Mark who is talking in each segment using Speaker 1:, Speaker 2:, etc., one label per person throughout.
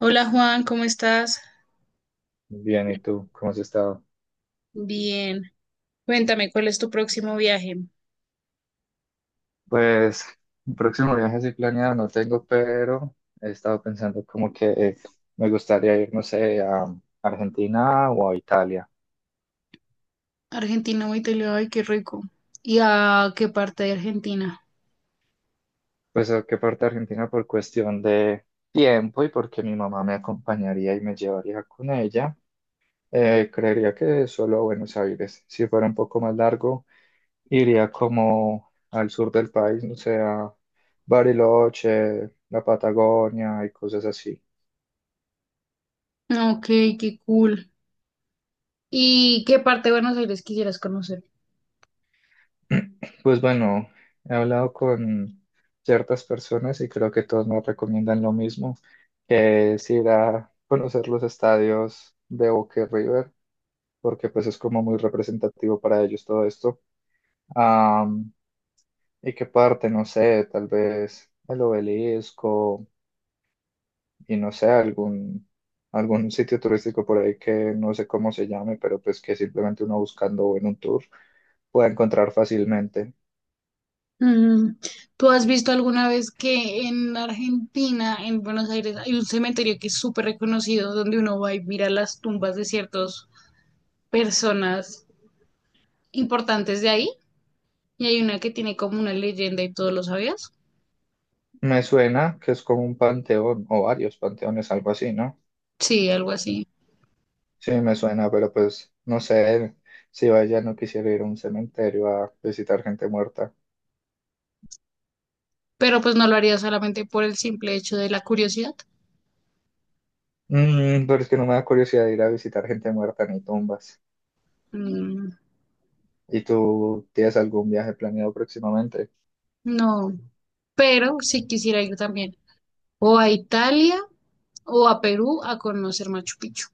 Speaker 1: Hola Juan, ¿cómo estás?
Speaker 2: Bien, ¿y tú? ¿Cómo has estado?
Speaker 1: Bien. Cuéntame, ¿cuál es tu próximo viaje?
Speaker 2: Pues, el próximo viaje sí planeado no tengo, pero he estado pensando como que me gustaría ir, no sé, a Argentina o a Italia.
Speaker 1: Argentina, o Italia, ay, qué rico. ¿Y a qué parte de Argentina?
Speaker 2: Pues, ¿a qué parte de Argentina? Por cuestión de tiempo y porque mi mamá me acompañaría y me llevaría con ella. Creería que solo a Buenos Aires. Si fuera un poco más largo, iría como al sur del país, no sé, a Bariloche, la Patagonia y cosas así.
Speaker 1: Ah, Ok, qué cool. ¿Y qué parte de Buenos Aires quisieras conocer?
Speaker 2: Pues bueno, he hablado con ciertas personas y creo que todos me recomiendan lo mismo, que es ir a conocer los estadios de Boca y River, porque pues es como muy representativo para ellos todo esto. Am, ¿Y qué parte? No sé, tal vez el obelisco y no sé, algún, algún sitio turístico por ahí que no sé cómo se llame, pero pues que simplemente uno buscando en un tour pueda encontrar fácilmente.
Speaker 1: Mm. ¿Tú has visto alguna vez que en Argentina, en Buenos Aires, hay un cementerio que es súper reconocido donde uno va y mira las tumbas de ciertas personas importantes de ahí? Y hay una que tiene como una leyenda y todo, ¿lo sabías?
Speaker 2: Me suena que es como un panteón o varios panteones, algo así, ¿no?
Speaker 1: Sí, algo así.
Speaker 2: Sí, me suena, pero pues no sé si vaya, no quisiera ir a un cementerio a visitar gente muerta.
Speaker 1: Pero pues no lo haría solamente por el simple hecho de la curiosidad.
Speaker 2: Mm, pero es que no me da curiosidad ir a visitar gente muerta ni tumbas.
Speaker 1: Mm,
Speaker 2: ¿Y tú tienes algún viaje planeado próximamente?
Speaker 1: no, pero sí quisiera ir también o a Italia o a Perú a conocer Machu Picchu.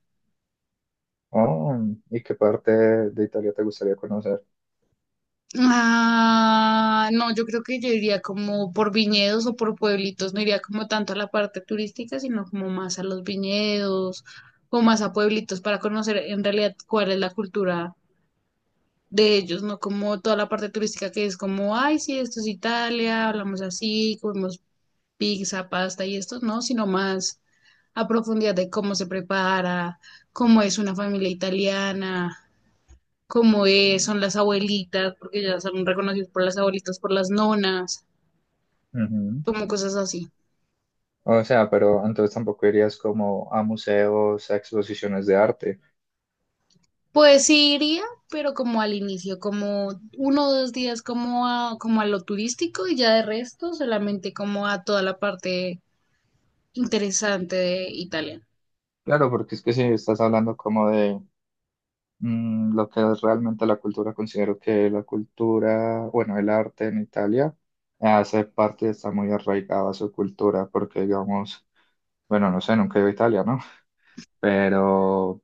Speaker 2: Oh, ¿y qué parte de Italia te gustaría conocer?
Speaker 1: Ah, no, yo creo que yo iría como por viñedos o por pueblitos, no iría como tanto a la parte turística, sino como más a los viñedos o más a pueblitos para conocer en realidad cuál es la cultura de ellos, no como toda la parte turística que es como, ay, sí, esto es Italia, hablamos así, comemos pizza, pasta y esto, no, sino más a profundidad de cómo se prepara, cómo es una familia italiana, cómo es, son las abuelitas, porque ya son reconocidos por las abuelitas, por las nonas,
Speaker 2: Ujú.
Speaker 1: como cosas así.
Speaker 2: O sea, pero entonces tampoco irías como a museos, a exposiciones de arte.
Speaker 1: Pues sí iría, pero como al inicio, como uno o dos días como a, como a lo turístico y ya de resto solamente como a toda la parte interesante de Italia.
Speaker 2: Claro, porque es que si estás hablando como de lo que es realmente la cultura. Considero que la cultura, bueno, el arte en Italia hace parte y está muy arraigado a su cultura, porque digamos, bueno, no sé, nunca he ido a Italia, ¿no? Pero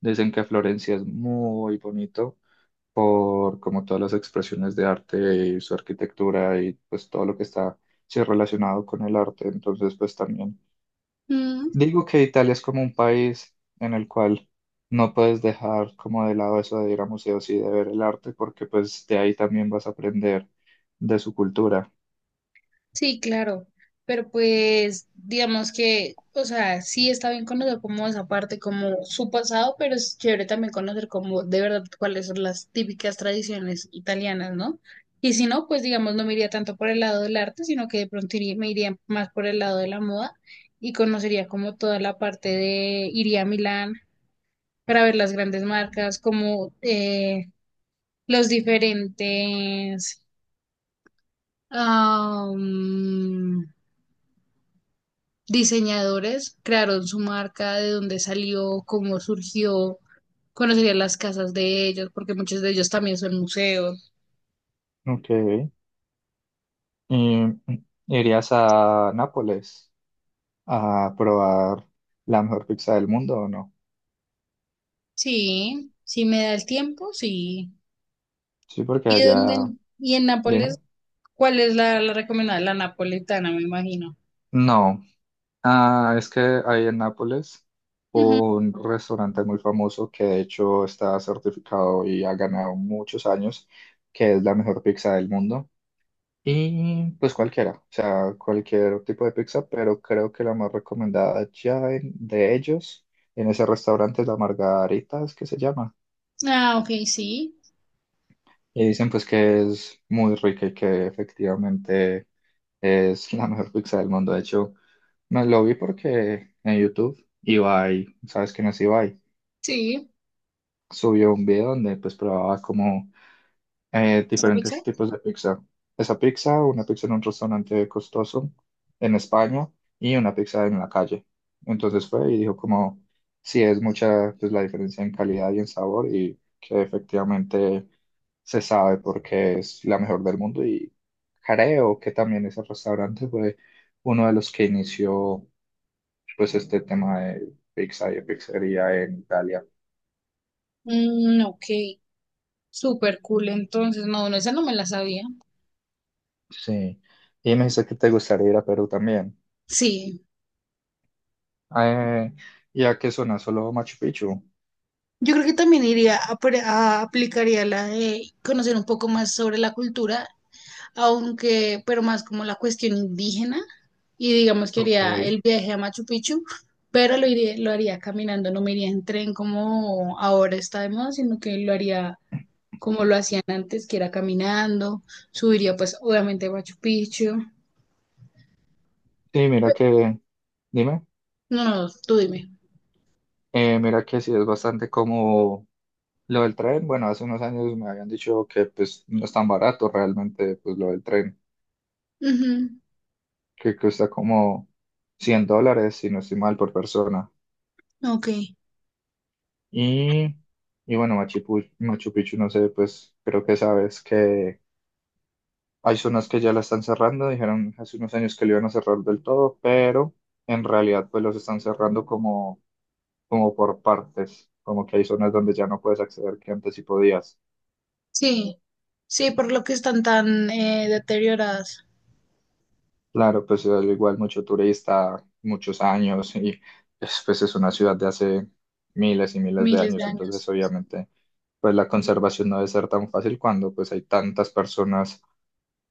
Speaker 2: dicen que Florencia es muy bonito por como todas las expresiones de arte y su arquitectura y pues todo lo que está sí, relacionado con el arte. Entonces, pues también.
Speaker 1: Mm.
Speaker 2: Digo que Italia es como un país en el cual no puedes dejar como de lado eso de ir a museos y de ver el arte, porque pues de ahí también vas a aprender de su cultura.
Speaker 1: Sí, claro, pero pues digamos que, o sea, sí está bien conocer como esa parte, como su pasado, pero es chévere también conocer como de verdad cuáles son las típicas tradiciones italianas, ¿no? Y si no, pues digamos, no me iría tanto por el lado del arte, sino que de pronto me iría más por el lado de la moda y conocería como toda la parte de, iría a Milán para ver las grandes marcas, como los diferentes... ah, diseñadores crearon su marca, de dónde salió, cómo surgió, conocería las casas de ellos, porque muchos de ellos también son museos.
Speaker 2: Ok. Y ¿irías a Nápoles a probar la mejor pizza del mundo o no?
Speaker 1: Sí, si me da el tiempo, sí.
Speaker 2: Sí, porque
Speaker 1: ¿Y
Speaker 2: allá,
Speaker 1: dónde, y en Nápoles,
Speaker 2: dime.
Speaker 1: cuál es la recomendada? La napolitana, me imagino.
Speaker 2: No. Ah, es que hay en Nápoles
Speaker 1: Ujú.
Speaker 2: un restaurante muy famoso que de hecho está certificado y ha ganado muchos años, que es la mejor pizza del mundo. Y pues cualquiera, o sea, cualquier tipo de pizza, pero creo que la más recomendada ya de ellos en ese restaurante es la Margarita, es que se llama.
Speaker 1: Ah, ok, sí,
Speaker 2: Y dicen pues que es muy rica y que efectivamente es la mejor pizza del mundo. De hecho, me lo vi porque en YouTube Ibai, sabes quién es Ibai,
Speaker 1: sí.
Speaker 2: subió un video donde pues probaba como
Speaker 1: ¿Sabes qué?
Speaker 2: diferentes tipos de pizza. Esa pizza, una pizza en un restaurante costoso en España y una pizza en la calle. Entonces fue y dijo como, sí, es mucha pues, la diferencia en calidad y en sabor y que efectivamente se sabe porque es la mejor del mundo y creo que también ese restaurante fue uno de los que inició pues este tema de pizza y de pizzería en Italia.
Speaker 1: Mm, ok, súper cool, entonces, no, no, esa no me la sabía.
Speaker 2: Sí. Y me dice que te gustaría ir a Perú también.
Speaker 1: Sí.
Speaker 2: Eh, ¿Y a qué zona? Solo Machu Picchu.
Speaker 1: Yo creo que también iría aplicaría la de conocer un poco más sobre la cultura, aunque, pero más como la cuestión indígena, y digamos que
Speaker 2: Ok.
Speaker 1: haría el viaje a Machu Picchu, pero lo haría caminando, no me iría en tren como ahora está de moda, sino que lo haría como lo hacían antes, que era caminando, subiría pues obviamente a Machu Picchu.
Speaker 2: Sí, mira que, dime,
Speaker 1: No, no, tú dime.
Speaker 2: mira que sí es bastante como lo del tren. Bueno, hace unos años me habían dicho que pues no es tan barato realmente pues lo del tren,
Speaker 1: Ujú.
Speaker 2: que cuesta como $100, si no estoy mal, por persona.
Speaker 1: Ok,
Speaker 2: Y, y bueno, Machu Picchu, no sé, pues creo que sabes que hay zonas que ya la están cerrando, dijeron hace unos años que lo iban a cerrar del todo, pero en realidad pues los están cerrando como... como por partes, como que hay zonas donde ya no puedes acceder que antes sí podías.
Speaker 1: sí, sí, por lo que están tan deterioradas
Speaker 2: Claro, pues al igual mucho turista, muchos años y pues, pues, es una ciudad de hace miles y miles de
Speaker 1: miles de
Speaker 2: años,
Speaker 1: años.
Speaker 2: entonces obviamente pues la conservación no debe ser tan fácil cuando pues hay tantas personas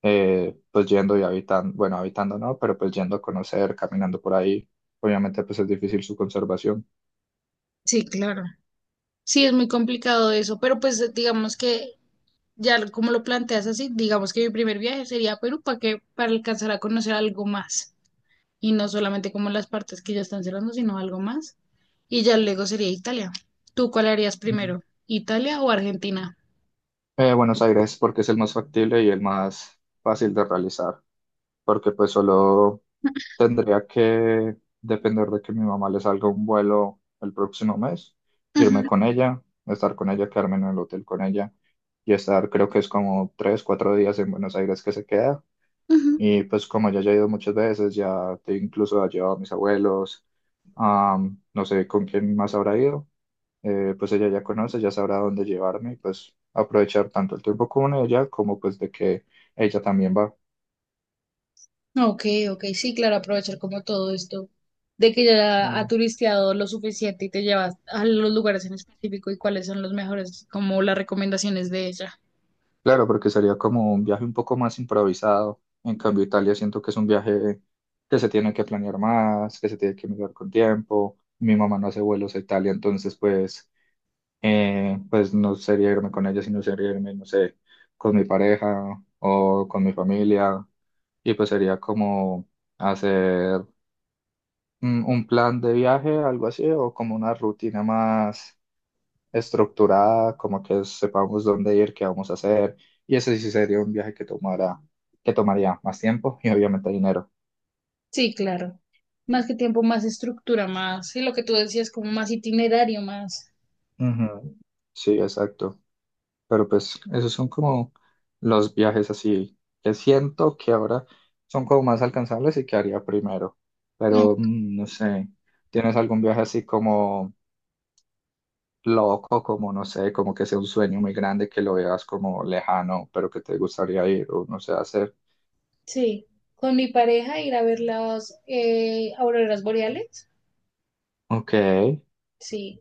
Speaker 2: pues yendo y habitando, bueno, habitando no, pero pues yendo a conocer, caminando por ahí, obviamente pues es difícil su conservación.
Speaker 1: Sí, claro. Sí, es muy complicado eso, pero pues digamos que ya como lo planteas así, digamos que mi primer viaje sería a Perú para que para alcanzar a conocer algo más y no solamente como las partes que ya están cerrando, sino algo más. Y ya luego sería Italia. ¿Tú cuál harías
Speaker 2: Ujú.
Speaker 1: primero? ¿Italia o Argentina?
Speaker 2: Buenos Aires porque es el más factible y el más fácil de realizar. Porque pues solo tendría que depender de que mi mamá le salga un vuelo el próximo mes, irme
Speaker 1: Ujú,
Speaker 2: con ella, estar con ella, quedarme en el hotel con ella y estar creo que es como tres, cuatro días en Buenos Aires que se queda.
Speaker 1: ujú.
Speaker 2: Y pues como ya he ido muchas veces, ya te incluso ha llevado a mis abuelos, no sé con quién más habrá ido, pues ella ya conoce, ya sabrá dónde llevarme y pues aprovechar tanto el tiempo con ella como pues de que ella también va.
Speaker 1: Ok, ok, sí, claro, aprovechar como todo esto de que ya ha turisteado lo suficiente y te llevas a los lugares en específico y cuáles son los mejores, como las recomendaciones de ella.
Speaker 2: Claro, porque sería como un viaje un poco más improvisado. En cambio, Italia siento que es un viaje que se tiene que planear más, que se tiene que mirar con tiempo. Mi mamá no hace vuelos a Italia, entonces pues, pues no sería irme con ella, sino sería irme, no sé, con mi pareja o con mi familia. Y pues sería como hacer un plan de viaje, algo así, o como una rutina más estructurada, como que sepamos dónde ir, qué vamos a hacer. Y ese sí sería un viaje que tomaría más tiempo y obviamente dinero.
Speaker 1: Sí, claro. Más que tiempo, más estructura, más, y lo que tú decías, como más itinerario, más.
Speaker 2: Ujú. Sí, exacto. Pero pues esos son como los viajes así que siento que ahora son como más alcanzables y que haría primero.
Speaker 1: No,
Speaker 2: Pero mm, no sé, ¿tienes algún viaje así como loco, como no sé, como que sea un sueño muy grande que lo veas como lejano, pero que te gustaría ir o no sé hacer?
Speaker 1: sí. Con mi pareja ir a ver las auroras boreales.
Speaker 2: Ok.
Speaker 1: Sí.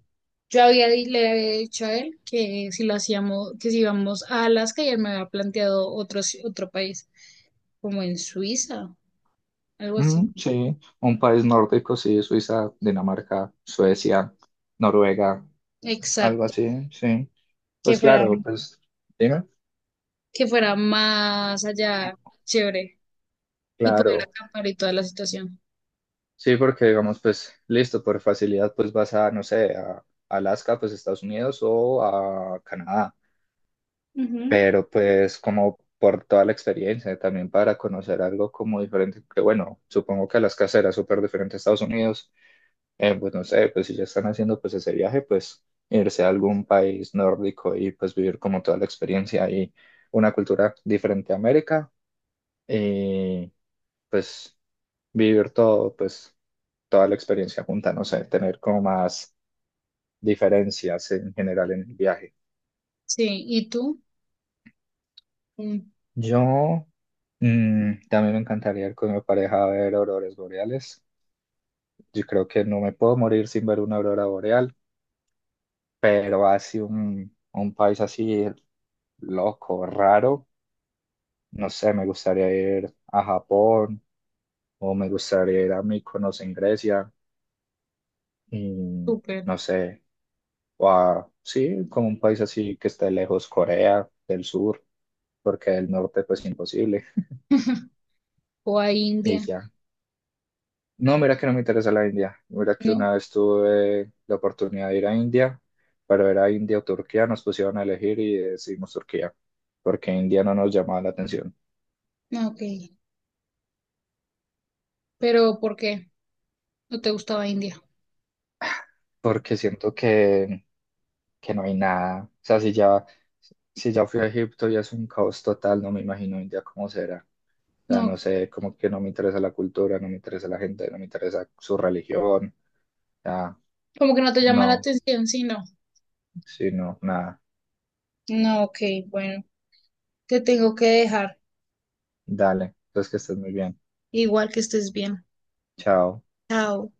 Speaker 1: Le había dicho a él que si lo hacíamos, que si íbamos a Alaska y él me había planteado otro país, como en Suiza, algo así.
Speaker 2: Mm, sí, un país nórdico, sí, Suiza, Dinamarca, Suecia, Noruega, algo
Speaker 1: Exacto.
Speaker 2: así, sí.
Speaker 1: Que
Speaker 2: Pues
Speaker 1: fuera,
Speaker 2: claro, pues dime,
Speaker 1: que fuera más allá, chévere. Y poder
Speaker 2: claro,
Speaker 1: acampar y toda la situación.
Speaker 2: sí, porque digamos, pues listo, por facilidad, pues vas a, no sé, a Alaska, pues Estados Unidos o a Canadá,
Speaker 1: Ujú.
Speaker 2: pero pues como por toda la experiencia, también para conocer algo como diferente, que bueno, supongo que Alaska será súper diferente a Estados Unidos. Pues no sé, pues si ya están haciendo pues ese viaje, pues irse a algún país nórdico y pues vivir como toda la experiencia y una cultura diferente a América y pues vivir todo, pues toda la experiencia junta, no sé, tener como más diferencias en general en el viaje.
Speaker 1: Sí. ¿Y tú? Mm.
Speaker 2: Yo mm, también me encantaría ir con mi pareja a ver auroras boreales. Yo creo que no me puedo morir sin ver una aurora boreal, pero así un país así loco, raro. No sé, me gustaría ir a Japón o me gustaría ir a Mykonos en Grecia. Mm,
Speaker 1: Súper.
Speaker 2: no sé, o a, sí, como un país así que esté lejos, Corea del Sur, porque del norte pues imposible.
Speaker 1: O a
Speaker 2: Y
Speaker 1: India.
Speaker 2: ya. No, mira que no me interesa la India. Mira que
Speaker 1: No,
Speaker 2: una vez tuve la oportunidad de ir a India, pero era India o Turquía, nos pusieron a elegir y decidimos Turquía, porque India no nos llamaba la atención.
Speaker 1: no, ok. Pero ¿por qué no te gustaba India?
Speaker 2: Porque siento que no hay nada. O sea, si ya fui a Egipto y es un caos total, no me imagino India cómo será. O sea,
Speaker 1: No, ok.
Speaker 2: no sé, como que no me interesa la cultura, no me interesa la gente, no me interesa su religión. Ya,
Speaker 1: Como que no te llama la
Speaker 2: no,
Speaker 1: atención, sí, no.
Speaker 2: sí, no, nada.
Speaker 1: No, ok, bueno. Te tengo que dejar.
Speaker 2: Dale, entonces que estés muy bien.
Speaker 1: Igual que estés bien.
Speaker 2: Chao.
Speaker 1: Chao.